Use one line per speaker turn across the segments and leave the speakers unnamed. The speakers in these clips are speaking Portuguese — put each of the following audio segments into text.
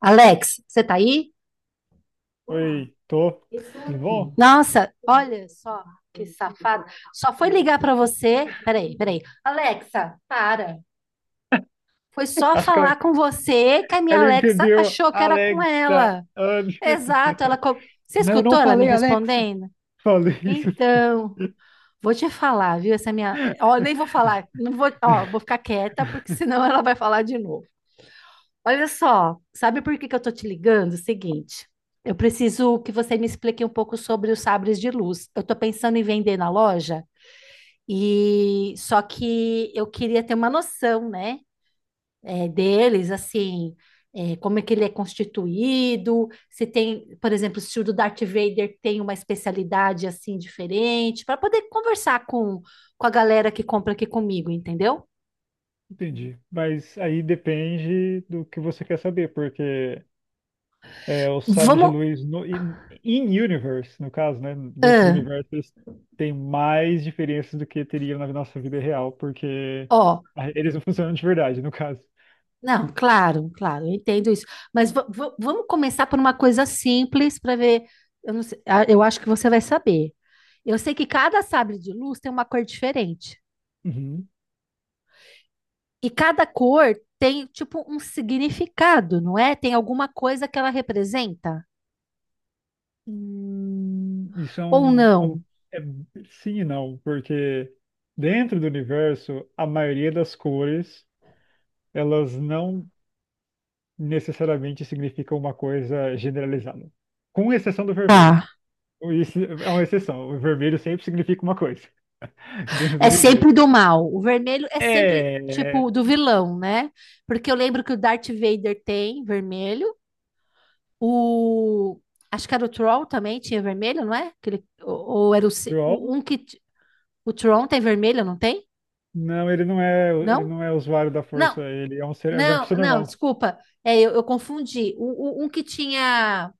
Alex, você tá aí? Olá,
Oi, tô.
eu estou
Tudo
aqui.
bom?
Nossa, olha só que safada. Só foi ligar pra você. Peraí, peraí. Alexa, para. Foi só
Acho que ela,
falar com você que a minha
ela
Alexa
entendeu
achou que era com
Alexa
ela.
antes.
Exato, ela. Você
Não, eu não
escutou ela me
falei Alexa.
respondendo?
Falei isso.
Então, vou te falar, viu? Essa minha. Ó, eu nem vou falar. Não vou. Ó, vou ficar quieta, porque senão ela vai falar de novo. Olha só, sabe por que que eu tô te ligando? Seguinte, eu preciso que você me explique um pouco sobre os sabres de luz. Eu tô pensando em vender na loja e só que eu queria ter uma noção, né, deles, assim, como é que ele é constituído, se tem, por exemplo, se o do Darth Vader tem uma especialidade assim diferente, para poder conversar com a galera que compra aqui comigo, entendeu?
Entendi. Mas aí depende do que você quer saber, porque os sabres de
Vamos.
luz in universe, no caso, né? Dentro do
Ah.
universo, eles têm mais diferenças do que teriam na nossa vida real, porque
Ó.
eles não funcionam de verdade, no caso.
Não, claro, claro, eu entendo isso. Mas vamos começar por uma coisa simples para ver. Eu não sei- ah, eu acho que você vai saber. Eu sei que cada sabre de luz tem uma cor diferente.
Uhum.
E cada cor tem, tipo, um significado, não é? Tem alguma coisa que ela representa?
Hum, Isso é
Ou
um, é um-
não?
é sim e não, porque dentro do universo, a maioria das cores, elas não necessariamente significam uma coisa generalizada, com exceção do vermelho.
Tá.
Isso é uma exceção, o vermelho sempre significa uma coisa dentro do
É
universo.
sempre do mal. O vermelho é sempre,
É,
tipo, do vilão, né? Porque eu lembro que o Darth Vader tem vermelho. O, acho que era o Tron também, tinha vermelho, não é? Aquele, ou era o,
João?
um que. O Tron tem vermelho, não tem?
Não, ele não é, ele
Não?
não é usuário da força,
Não,
ele é um ser, ele é uma
não,
pessoa
não,
normal.
desculpa. É, eu confundi. O, um que tinha.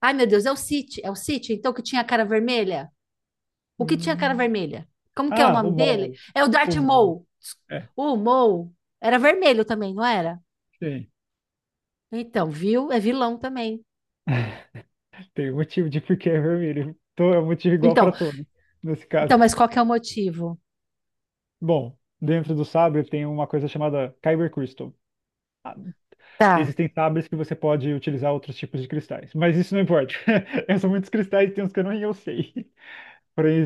Ai, meu Deus, é o City, então que tinha a cara vermelha? O que tinha a cara
Hum.
vermelha? Como que é o
Ah, o
nome dele?
Maul.
É o Darth
O Maul.
Maul.
É,
O Maul era vermelho também, não era?
sim.
Então, viu? É vilão também.
Tem um motivo de por que é vermelho. Então é um motivo igual
Então,
para todos, nesse caso.
então, mas qual que é o motivo?
Bom, dentro do sabre tem uma coisa chamada Kyber Crystal. Ah,
Tá.
Existem sabres que você pode utilizar outros tipos de cristais, mas isso não importa. São muitos cristais, tem uns que eu não eu sei. Porém,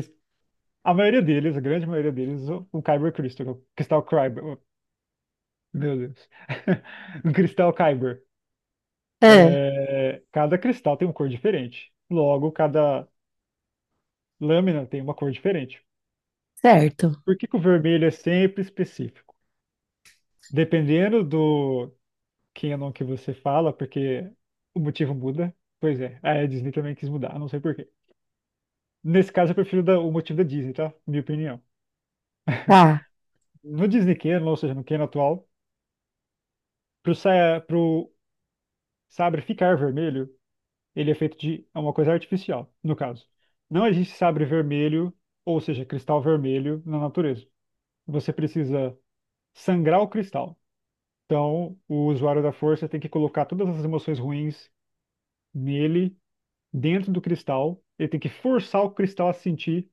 a maioria deles, a grande maioria deles, o Kyber Crystal, o cristal Kyber. Oh, Meu Deus. O cristal Kyber.
É,
É, cada cristal tem uma cor diferente. Logo, cada lâmina tem uma cor diferente.
certo.
Por que que o vermelho é sempre específico? Dependendo do canon que você fala, porque o motivo muda. Pois é, a Disney também quis mudar, eu não sei por quê. Nesse caso, eu prefiro o motivo da Disney, tá? Minha opinião.
Tá.
No Disney canon, ou seja, no canon atual, pro sabre ficar vermelho, ele é feito de uma coisa artificial, no caso. Não existe sabre vermelho, ou seja, cristal vermelho, na natureza. Você precisa sangrar o cristal. Então, o usuário da força tem que colocar todas as emoções ruins nele, dentro do cristal. Ele tem que forçar o cristal a sentir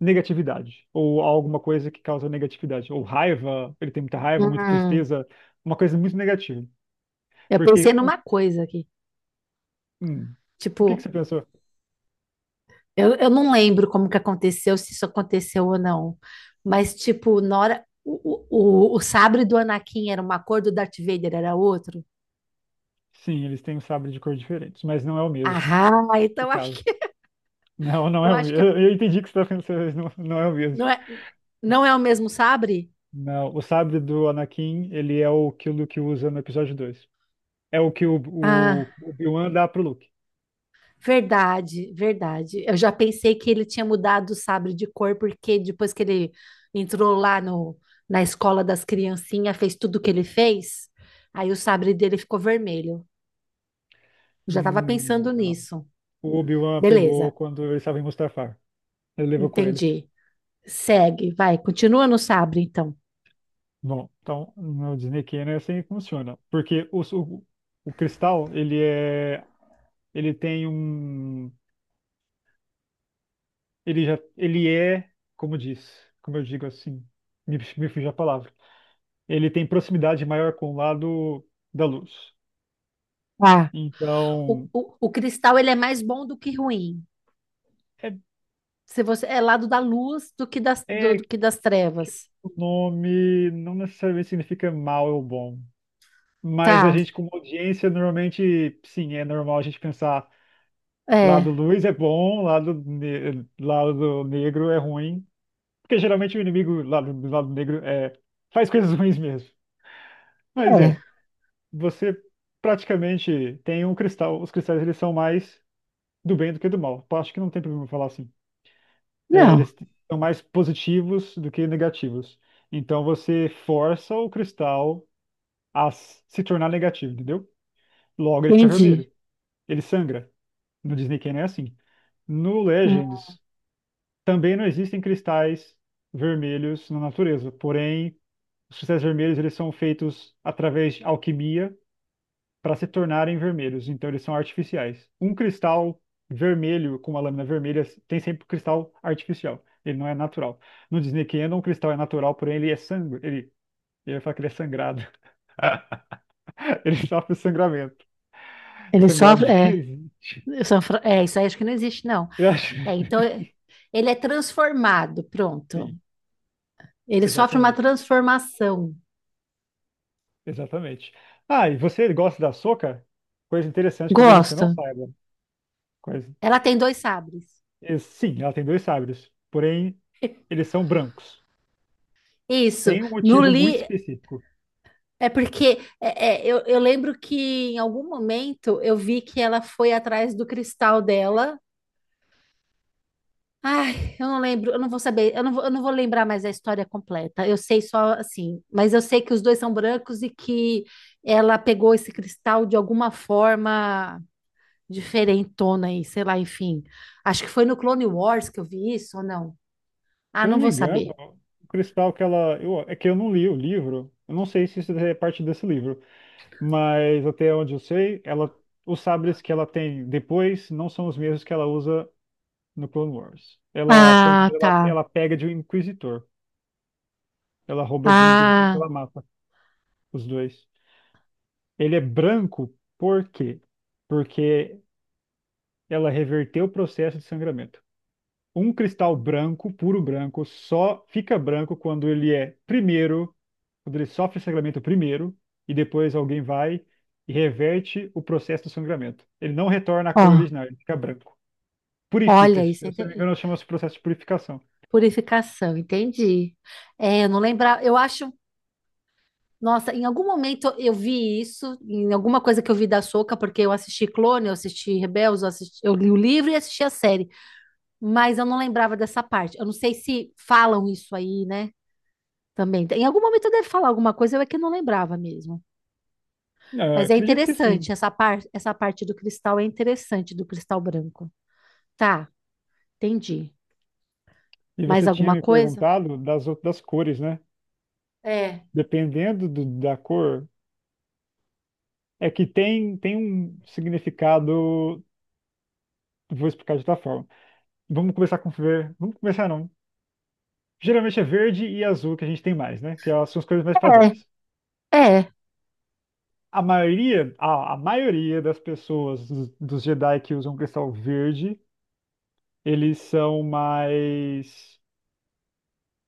negatividade, ou alguma coisa que causa negatividade, ou raiva. Ele tem muita raiva, muita
Hum,
tristeza, uma coisa muito negativa.
eu pensei
Porque,
numa coisa aqui.
hum, o que que você
Tipo,
pensou?
eu não lembro como que aconteceu, se isso aconteceu ou não. Mas, tipo, na hora. O, o sabre do Anakin era uma cor, do Darth Vader era outro.
Sim, eles têm um sabre de cor diferentes, mas não é o mesmo,
Ah,
nesse
então acho,
caso. Não, não é
eu
o
acho
mesmo.
que
Eu entendi o que você está pensando, mas não, não é o mesmo.
não é, não é o mesmo sabre?
Não, o sabre do Anakin, ele é o que o Luke usa no episódio 2. É o que o, o,
Ah.
o Obi-Wan dá pro Luke.
Verdade, verdade. Eu já pensei que ele tinha mudado o sabre de cor, porque depois que ele entrou lá no, na escola das criancinhas, fez tudo o que ele fez, aí o sabre dele ficou vermelho. Eu já estava
Hum.
pensando
Não.
nisso.
O Obi-Wan pegou
Beleza,
quando ele estava em Mustafar. Ele levou com ele.
entendi. Segue, vai, continua no sabre, então.
Bom, então no Disney Canon é assim que funciona. Porque o cristal, ele é. Ele tem um. Ele já. Ele é. Como diz. Como eu digo assim. Me fugiu a palavra. Ele tem proximidade maior com o lado da luz.
Ah.
Então.
O cristal, ele é mais bom do que ruim.
É,
Se você é lado da luz do que das, do,
é,
do
que
que das trevas.
o nome não necessariamente significa mal ou bom. Mas a
Tá,
gente, como audiência, normalmente, sim, é normal a gente pensar lado
é.
luz é bom, lado negro é ruim. Porque geralmente o inimigo lado, do lado negro faz coisas ruins mesmo. Mas
É.
você praticamente tem um cristal. Os cristais eles são mais do bem do que do mal. Eu acho que não tem problema falar assim. É,
Não,
eles são mais positivos do que negativos. Então você força o cristal a se tornar negativo, entendeu? Logo ele fica
entendi.
vermelho. Ele sangra. No Disney Canyon é assim. No
Hum.
Legends, também não existem cristais vermelhos na natureza. Porém, os cristais vermelhos eles são feitos através de alquimia para se tornarem vermelhos. Então, eles são artificiais. Um cristal vermelho com uma lâmina vermelha tem sempre um cristal artificial. Ele não é natural. No Disney Canyon, um cristal é natural, porém ele é sangue. Ele fala que ele é sangrado. Ele sofre sangramento.
Ele
Sangrado
sofre.
não
É.
existe.
É, isso aí acho que não existe, não.
Eu acho.
É, então, ele é transformado, pronto.
Sim,
Ele sofre uma
exatamente.
transformação.
Exatamente. Ah, e você gosta da Sokka? Coisa interessante que talvez você não
Gosto.
saiba. Coisa.
Ela tem dois sabres.
Sim, ela tem dois sabres, porém eles são brancos.
Isso.
Tem um
No
motivo muito
li
específico.
é porque é, é, eu lembro que em algum momento eu vi que ela foi atrás do cristal dela. Ai, eu não lembro, eu não vou saber, eu não vou lembrar mais a história completa. Eu sei só assim, mas eu sei que os dois são brancos e que ela pegou esse cristal de alguma forma diferentona aí, sei lá, enfim. Acho que foi no Clone Wars que eu vi isso ou não? Ah,
Se eu
não
não me
vou
engano,
saber.
o cristal que ela. Eu. É que eu não li o livro, eu não sei se isso é parte desse livro, mas até onde eu sei, ela. Os sabres que ela tem depois não são os mesmos que ela usa no Clone Wars. Ela, se eu não me
Ah,
engano, ela,
tá.
ela pega de um inquisitor. Ela rouba de um inquisitor que
Ah.
ela mata os dois. Ele é branco por quê? Porque ela reverteu o processo de sangramento. Um cristal branco, puro branco, só fica branco quando ele é primeiro, quando ele sofre sangramento primeiro, e depois alguém vai e reverte o processo do sangramento. Ele não retorna à
Ó,
cor original, ele fica branco. Purifica,
olha
se
isso,
eu não me engano, chama-se processo de purificação.
purificação, entendi. É, eu não lembrava, eu acho, nossa, em algum momento eu vi isso, em alguma coisa que eu vi da Soca porque eu assisti Clone, eu assisti Rebels, eu li o livro e assisti a série, mas eu não lembrava dessa parte. Eu não sei se falam isso aí, né? Também. Em algum momento deve falar alguma coisa, eu é que não lembrava mesmo.
Ah,
Mas é
acredito que sim.
interessante, essa parte do cristal é interessante, do cristal branco. Tá, entendi.
E
Mais
você tinha
alguma
me
coisa?
perguntado das outras cores, né?
É.
Dependendo do- da cor. É que tem um significado. Vou explicar de outra forma. Vamos começar com ver. Vamos começar não. Geralmente é verde e azul que a gente tem mais, né? Que elas são as cores mais padrões.
É, é.
A maioria, a maioria das pessoas dos Jedi que usam cristal verde, eles são mais,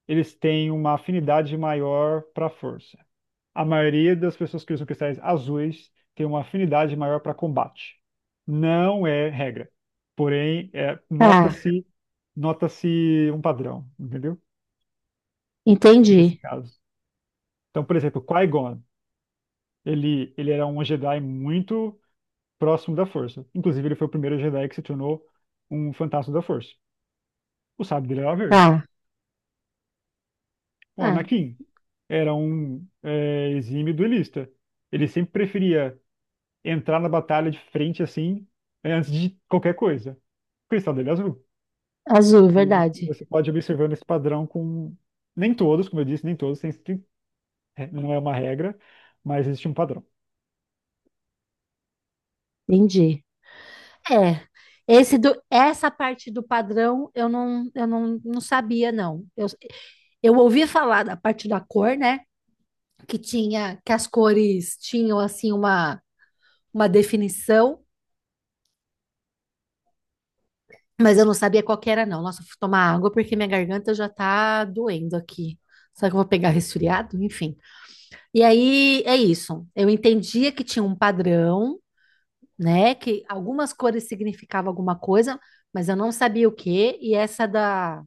eles têm uma afinidade maior para a força. A maioria das pessoas que usam cristais azuis tem uma afinidade maior para combate. Não é regra. Porém,
Tá,
nota-se um padrão, entendeu? Nesse
entendi.
caso. Então, por exemplo, Qui-Gon, ele era um Jedi muito próximo da Força. Inclusive, ele foi o primeiro Jedi que se tornou um fantasma da Força. O sábio dele era verde.
Tá.
O
É,
Anakin era um exímio duelista. Ele sempre preferia entrar na batalha de frente assim, né, antes de qualquer coisa. O cristal dele é azul.
azul,
E
verdade.
você pode ir observando esse padrão com. Nem todos, como eu disse, nem todos, não é uma regra, mas existe um padrão.
Entendi. É. Essa parte do padrão eu não, não sabia, não. Eu ouvi falar da parte da cor, né? Que tinha, que as cores tinham assim uma definição. Mas eu não sabia qual que era, não. Nossa, eu fui tomar água porque minha garganta já tá doendo aqui. Será que eu vou pegar resfriado? Enfim. E aí é isso. Eu entendia que tinha um padrão, né? Que algumas cores significavam alguma coisa, mas eu não sabia o quê. E essa da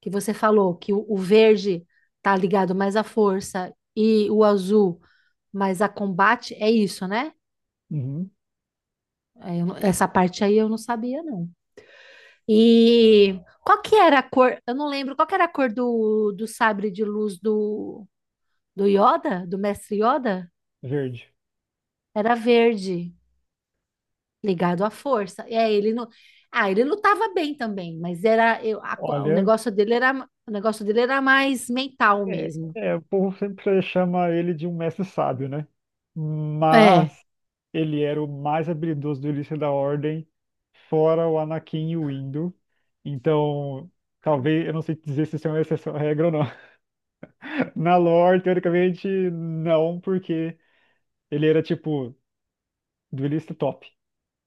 que você falou, que o verde tá ligado mais à força e o azul mais a combate, é isso, né?
Uhum,
É, eu não- essa parte aí eu não sabia, não. E qual que era a cor? Eu não lembro. Qual que era a cor do, do sabre de luz do, do Yoda, do mestre Yoda?
verde.
Era verde, ligado à força. É, ele não. Ah, ele lutava bem também, mas era eu,
Olha,
o negócio dele era mais mental mesmo.
o povo sempre chama ele de um mestre sábio, né?
É,
Mas ele era o mais habilidoso do Ilícia da Ordem, fora o Anakin e o Indo. Então, talvez, eu não sei dizer se isso é uma exceção à regra ou não. Na lore, teoricamente, não, porque ele era tipo duelista top.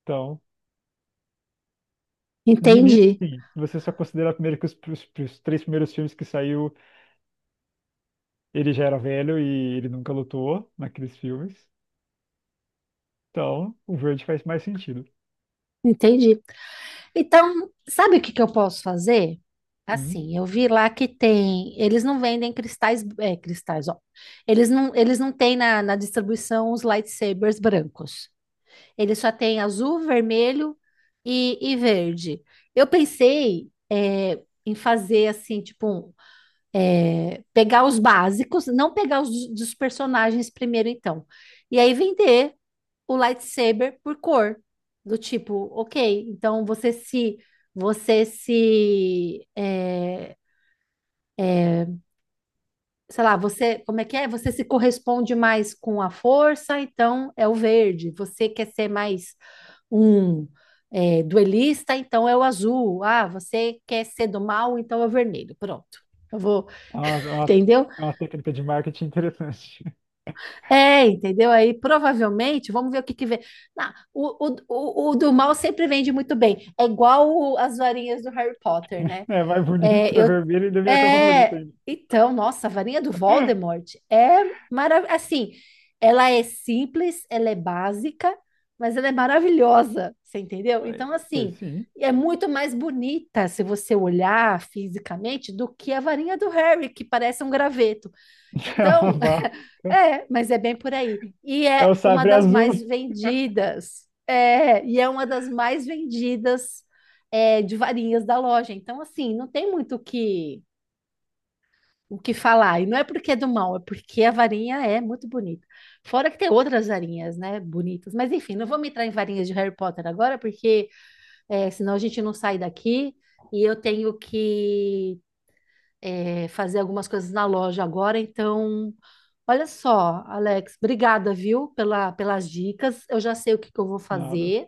Então, de início,
entendi,
sim. Se você só considerar primeiro que os três primeiros filmes que saiu, ele já era velho e ele nunca lutou naqueles filmes. Então, o verde faz mais sentido.
entendi. Então, sabe o que que eu posso fazer?
Hum.
Assim, eu vi lá que tem. Eles não vendem cristais. É, cristais, ó. Eles não têm na, na distribuição os lightsabers brancos. Eles só têm azul, vermelho e verde. Eu pensei, em fazer assim, tipo, um, pegar os básicos, não pegar os dos, dos personagens primeiro, então. E aí vender o lightsaber por cor. Do tipo, ok, então você se, sei lá, você, como é que é? Você se corresponde mais com a força, então é o verde. Você quer ser mais um duelista, então é o azul. Ah, você quer ser do mal, então é o vermelho. Pronto. Eu vou,
É uma, é uma,
entendeu?
é uma técnica de marketing interessante.
É, entendeu? Aí provavelmente, vamos ver o que que vem. Não, o, o do mal sempre vende muito bem. É igual as varinhas do Harry Potter, né?
É mais
É,
bonito, é
eu,
vermelho e da minha cor favorita
é,
ainda.
então, nossa, a varinha do Voldemort é maravilhosa. Assim, ela é simples, ela é básica, mas ela é maravilhosa, você entendeu? Então,
Pois
assim,
sim.
é muito mais bonita se você olhar fisicamente do que a varinha do Harry, que parece um graveto.
É uma
Então,
barra.
é, mas é bem por aí. E
É o
é uma
sabre
das
azul.
mais vendidas. É, e é uma das mais vendidas de varinhas da loja. Então, assim, não tem muito o que falar. E não é porque é do mal, é porque a varinha é muito bonita. Fora que tem outras varinhas, né, bonitas. Mas, enfim, não vamos entrar em varinhas de Harry Potter agora, porque senão a gente não sai daqui e eu tenho que fazer algumas coisas na loja agora. Então, olha só, Alex, obrigada, viu, pela, pelas dicas. Eu já sei o que que eu vou
Nada.
fazer.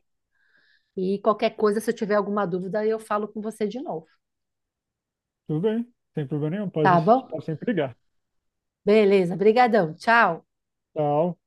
E qualquer coisa, se eu tiver alguma dúvida, eu falo com você de novo.
Tudo bem. Sem problema nenhum.
Tá bom?
Pode sempre ligar.
Beleza, brigadão. Tchau.
Tchau.